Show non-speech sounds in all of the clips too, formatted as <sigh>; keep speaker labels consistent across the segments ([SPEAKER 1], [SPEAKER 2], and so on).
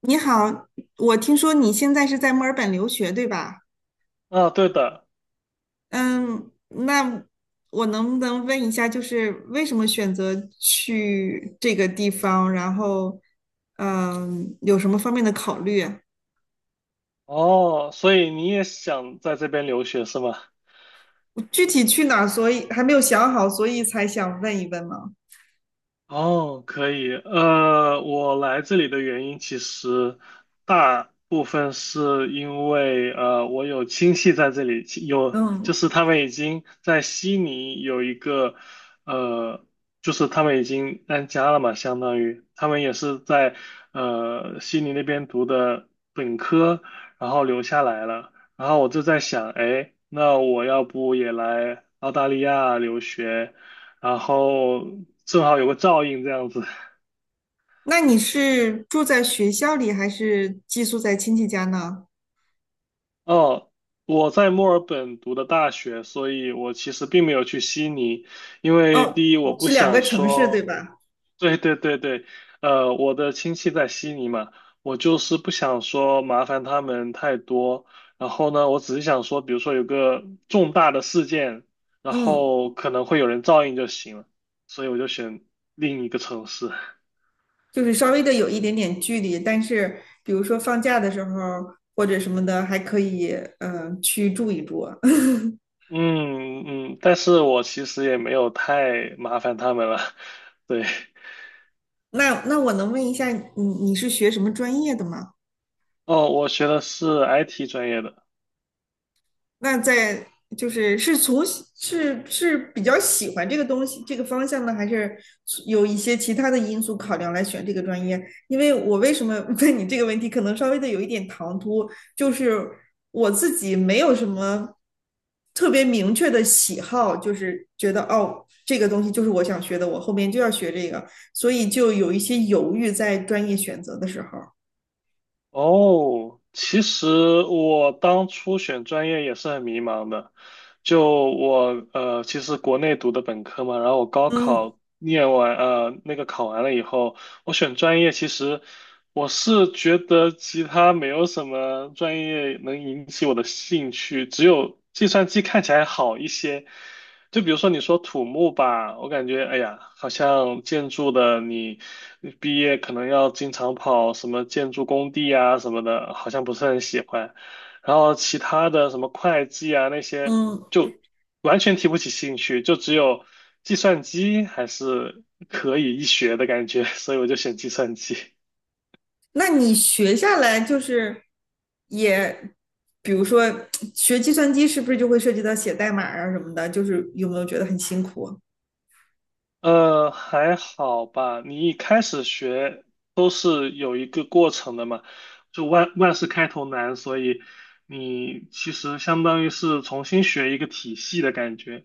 [SPEAKER 1] 你好，我听说你现在是在墨尔本留学，对吧？
[SPEAKER 2] 啊，对的。
[SPEAKER 1] 嗯，那我能不能问一下，就是为什么选择去这个地方？然后，有什么方面的考虑啊。
[SPEAKER 2] 哦，所以你也想在这边留学是吗？
[SPEAKER 1] 我具体去哪儿所以还没有想好，所以才想问一问嘛。
[SPEAKER 2] 哦，可以。我来这里的原因其实大部分是因为我有亲戚在这里，就
[SPEAKER 1] 嗯，
[SPEAKER 2] 是他们已经在悉尼有一个呃，就是他们已经安家了嘛，相当于他们也是在悉尼那边读的本科，然后留下来了。然后我就在想，哎，那我要不也来澳大利亚留学？然后正好有个照应这样子。
[SPEAKER 1] 那你是住在学校里，还是寄宿在亲戚家呢？
[SPEAKER 2] 哦，我在墨尔本读的大学，所以我其实并没有去悉尼，因为
[SPEAKER 1] 哦，
[SPEAKER 2] 第一我不
[SPEAKER 1] 是两个
[SPEAKER 2] 想
[SPEAKER 1] 城市，对
[SPEAKER 2] 说，
[SPEAKER 1] 吧？
[SPEAKER 2] 对对对对，我的亲戚在悉尼嘛，我就是不想说麻烦他们太多。然后呢，我只是想说，比如说有个重大的事件，然
[SPEAKER 1] 嗯。
[SPEAKER 2] 后可能会有人照应就行了，所以我就选另一个城市。
[SPEAKER 1] 就是稍微的有一点点距离，但是比如说放假的时候或者什么的，还可以去住一住啊。<laughs>
[SPEAKER 2] 嗯嗯，但是我其实也没有太麻烦他们了。<laughs> 对。
[SPEAKER 1] 那我能问一下，你是学什么专业的吗？
[SPEAKER 2] 哦，我学的是 IT 专业的。
[SPEAKER 1] 那在就是是从是是比较喜欢这个东西这个方向呢，还是有一些其他的因素考量来选这个专业？因为我为什么 <laughs> 问你这个问题，可能稍微的有一点唐突，就是我自己没有什么特别明确的喜好，就是觉得哦，这个东西就是我想学的，我后面就要学这个，所以就有一些犹豫在专业选择的时候。
[SPEAKER 2] 哦，其实我当初选专业也是很迷茫的。就我其实国内读的本科嘛，然后我高
[SPEAKER 1] 嗯
[SPEAKER 2] 考念完那个考完了以后，我选专业，其实我是觉得其他没有什么专业能引起我的兴趣，只有计算机看起来好一些。就比如说你说土木吧，我感觉哎呀，好像建筑的你毕业可能要经常跑什么建筑工地啊什么的，好像不是很喜欢。然后其他的什么会计啊那些，
[SPEAKER 1] 嗯。
[SPEAKER 2] 就完全提不起兴趣，就只有计算机还是可以一学的感觉，所以我就选计算机。
[SPEAKER 1] 那你学下来就是也，比如说学计算机是不是就会涉及到写代码啊什么的？就是有没有觉得很辛苦啊。
[SPEAKER 2] 呃，还好吧。你一开始学都是有一个过程的嘛，就万事开头难，所以你其实相当于是重新学一个体系的感觉。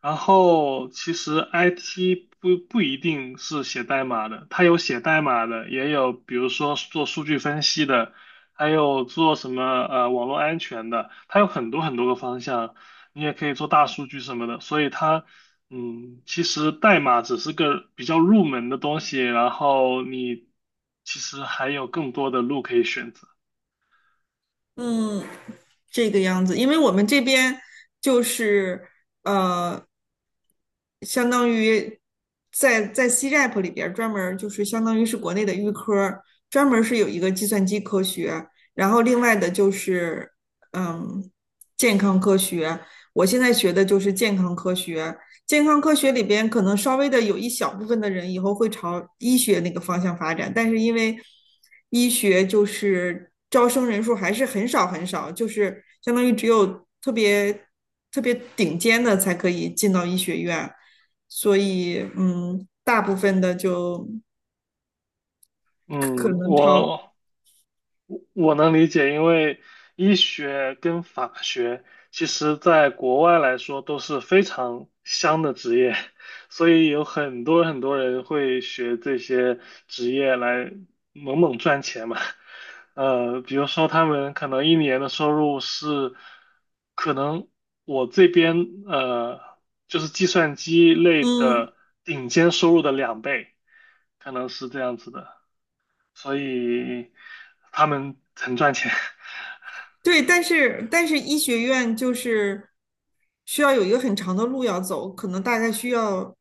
[SPEAKER 2] 然后其实 IT 不一定是写代码的，它有写代码的，也有比如说做数据分析的，还有做什么网络安全的，它有很多很多个方向。你也可以做大数据什么的，所以它嗯，其实代码只是个比较入门的东西，然后你其实还有更多的路可以选择。
[SPEAKER 1] 嗯，这个样子，因为我们这边就是呃，相当于在 C-RAP 里边儿专门儿就是相当于是国内的预科儿，专门儿是有一个计算机科学，然后另外的就是嗯健康科学。我现在学的就是健康科学，健康科学里边可能稍微的有一小部分的人以后会朝医学那个方向发展，但是因为医学就是招生人数还是很少很少，就是相当于只有特别特别顶尖的才可以进到医学院，所以大部分的就可
[SPEAKER 2] 嗯，
[SPEAKER 1] 能朝
[SPEAKER 2] 我能理解，因为医学跟法学其实在国外来说都是非常香的职业，所以有很多很多人会学这些职业来猛猛赚钱嘛。呃，比如说他们可能一年的收入是，可能我这边呃就是计算机类
[SPEAKER 1] 嗯
[SPEAKER 2] 的顶尖收入的两倍，可能是这样子的。所以他们很赚钱。<laughs>
[SPEAKER 1] 对，但是医学院就是需要有一个很长的路要走，可能大概需要，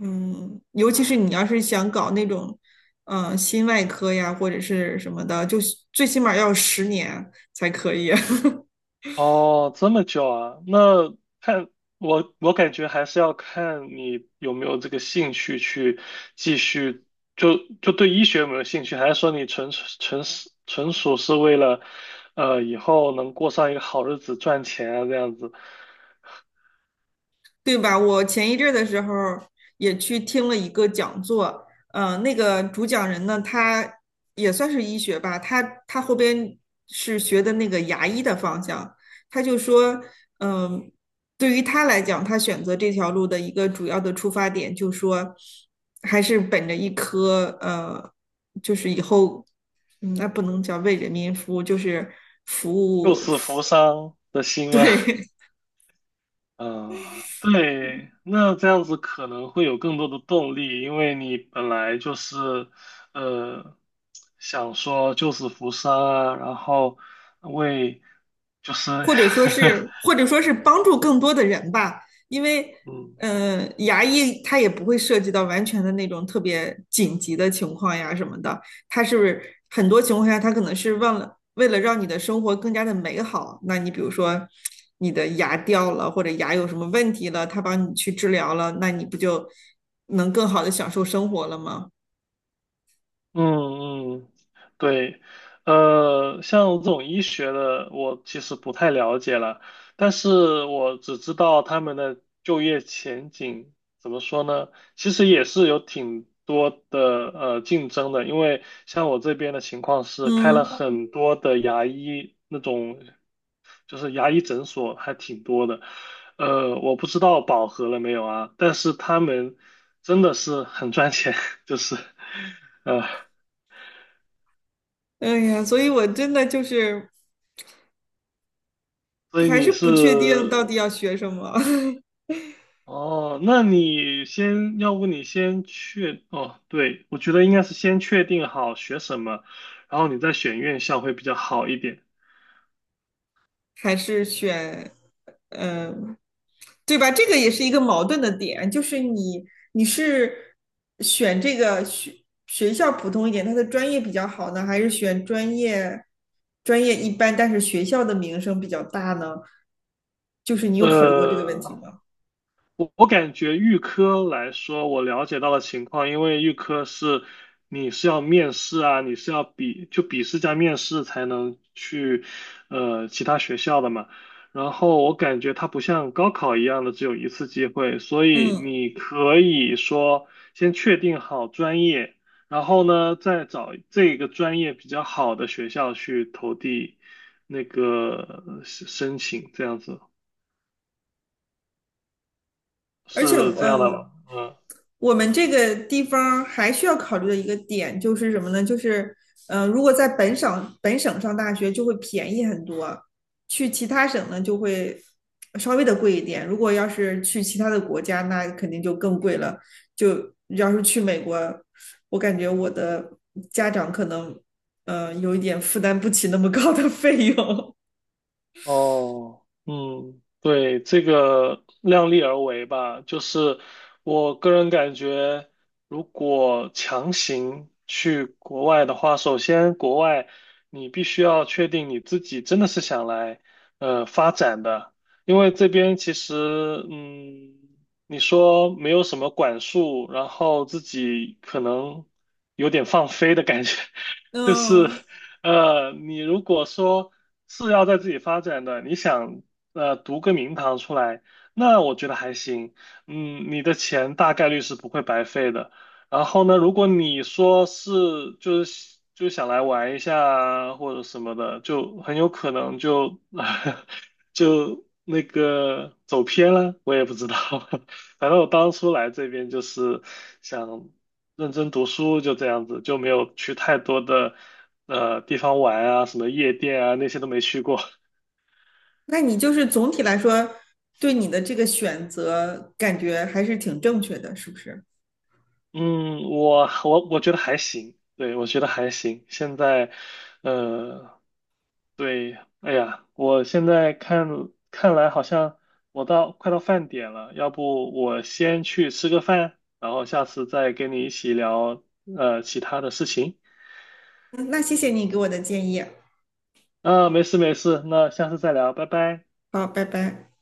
[SPEAKER 1] 尤其是你要是想搞那种，心外科呀或者是什么的，就是最起码要10年才可以。<laughs>
[SPEAKER 2] 哦，这么久啊？那看我，我感觉还是要看你有没有这个兴趣去继续，就就对医学有没有兴趣，还是说你纯属是为了，呃，以后能过上一个好日子赚钱啊，这样子，
[SPEAKER 1] 对吧？我前一阵儿的时候也去听了一个讲座，那个主讲人呢，他也算是医学吧，他后边是学的那个牙医的方向，他就说，嗯、对于他来讲，他选择这条路的一个主要的出发点，就说还是本着一颗就是以后，那不能叫为人民服务，就是服
[SPEAKER 2] 救
[SPEAKER 1] 务，
[SPEAKER 2] 死扶伤的
[SPEAKER 1] <laughs>
[SPEAKER 2] 心吗？<laughs>
[SPEAKER 1] 对，
[SPEAKER 2] 嗯，对，那这样子可能会有更多的动力，因为你本来就是，呃，想说救死扶伤啊，然后为就是，<laughs>
[SPEAKER 1] 或者说是帮助更多的人吧，因为
[SPEAKER 2] 嗯。
[SPEAKER 1] 牙医它也不会涉及到完全的那种特别紧急的情况呀什么的，它是不是很多情况下它可能是忘了为了让你的生活更加的美好，那你比如说你的牙掉了或者牙有什么问题了，他帮你去治疗了，那你不就能更好的享受生活了吗？
[SPEAKER 2] 嗯嗯，对，呃，像这种医学的，我其实不太了解了，但是我只知道他们的就业前景怎么说呢？其实也是有挺多的竞争的，因为像我这边的情况是开了
[SPEAKER 1] 嗯，
[SPEAKER 2] 很多的牙医那种，就是牙医诊所还挺多的，呃，我不知道饱和了没有啊，但是他们真的是很赚钱，<laughs> 就是。呃。
[SPEAKER 1] 哎呀，所以我真的就是
[SPEAKER 2] 所以
[SPEAKER 1] 还是
[SPEAKER 2] 你是
[SPEAKER 1] 不确定到底要学什么。<laughs>
[SPEAKER 2] 哦，那你先，要不你先哦，对，我觉得应该是先确定好学什么，然后你再选院校会比较好一点。
[SPEAKER 1] 还是选，嗯，对吧？这个也是一个矛盾的点，就是你是选这个学校普通一点，它的专业比较好呢，还是选专业一般，但是学校的名声比较大呢？就是你有考虑过这个问
[SPEAKER 2] 呃，
[SPEAKER 1] 题吗？
[SPEAKER 2] 我感觉预科来说，我了解到的情况，因为预科是你是要面试啊，你是要就笔试加面试才能去其他学校的嘛。然后我感觉它不像高考一样的只有一次机会，所以
[SPEAKER 1] 嗯，
[SPEAKER 2] 你可以说先确定好专业，然后呢再找这个专业比较好的学校去投递那个申请，这样子
[SPEAKER 1] 而且
[SPEAKER 2] 是这样的吗？嗯。
[SPEAKER 1] 我们这个地方还需要考虑的一个点就是什么呢？就是，如果在本省上大学就会便宜很多，去其他省呢就会稍微的贵一点。如果要是去其他的国家，那肯定就更贵了。就要是去美国，我感觉我的家长可能，有一点负担不起那么高的费用。
[SPEAKER 2] 哦，嗯，对，这个量力而为吧，就是我个人感觉，如果强行去国外的话，首先国外你必须要确定你自己真的是想来发展的，因为这边其实嗯，你说没有什么管束，然后自己可能有点放飞的感觉，<laughs> 就是。
[SPEAKER 1] 嗯，
[SPEAKER 2] 呃，你如果说是要在自己发展的，你想读个名堂出来，那我觉得还行。嗯，你的钱大概率是不会白费的。然后呢，如果你说是就想来玩一下啊或者什么的，就很有可能就 <laughs> 就那个走偏了，我也不知道。<laughs> 反正我当初来这边就是想认真读书，就这样子，就没有去太多的地方玩啊，什么夜店啊那些都没去过。
[SPEAKER 1] 那你就是总体来说，对你的这个选择感觉还是挺正确的，是不是？
[SPEAKER 2] 嗯，我我觉得还行，对，我觉得还行。现在，呃，对，哎呀，我现在看来好像我快到饭点了，要不我先去吃个饭，然后下次再跟你一起聊其他的事情。
[SPEAKER 1] 嗯那谢谢你给我的建议，
[SPEAKER 2] 啊，没事没事，那下次再聊，拜拜。
[SPEAKER 1] 好，拜拜。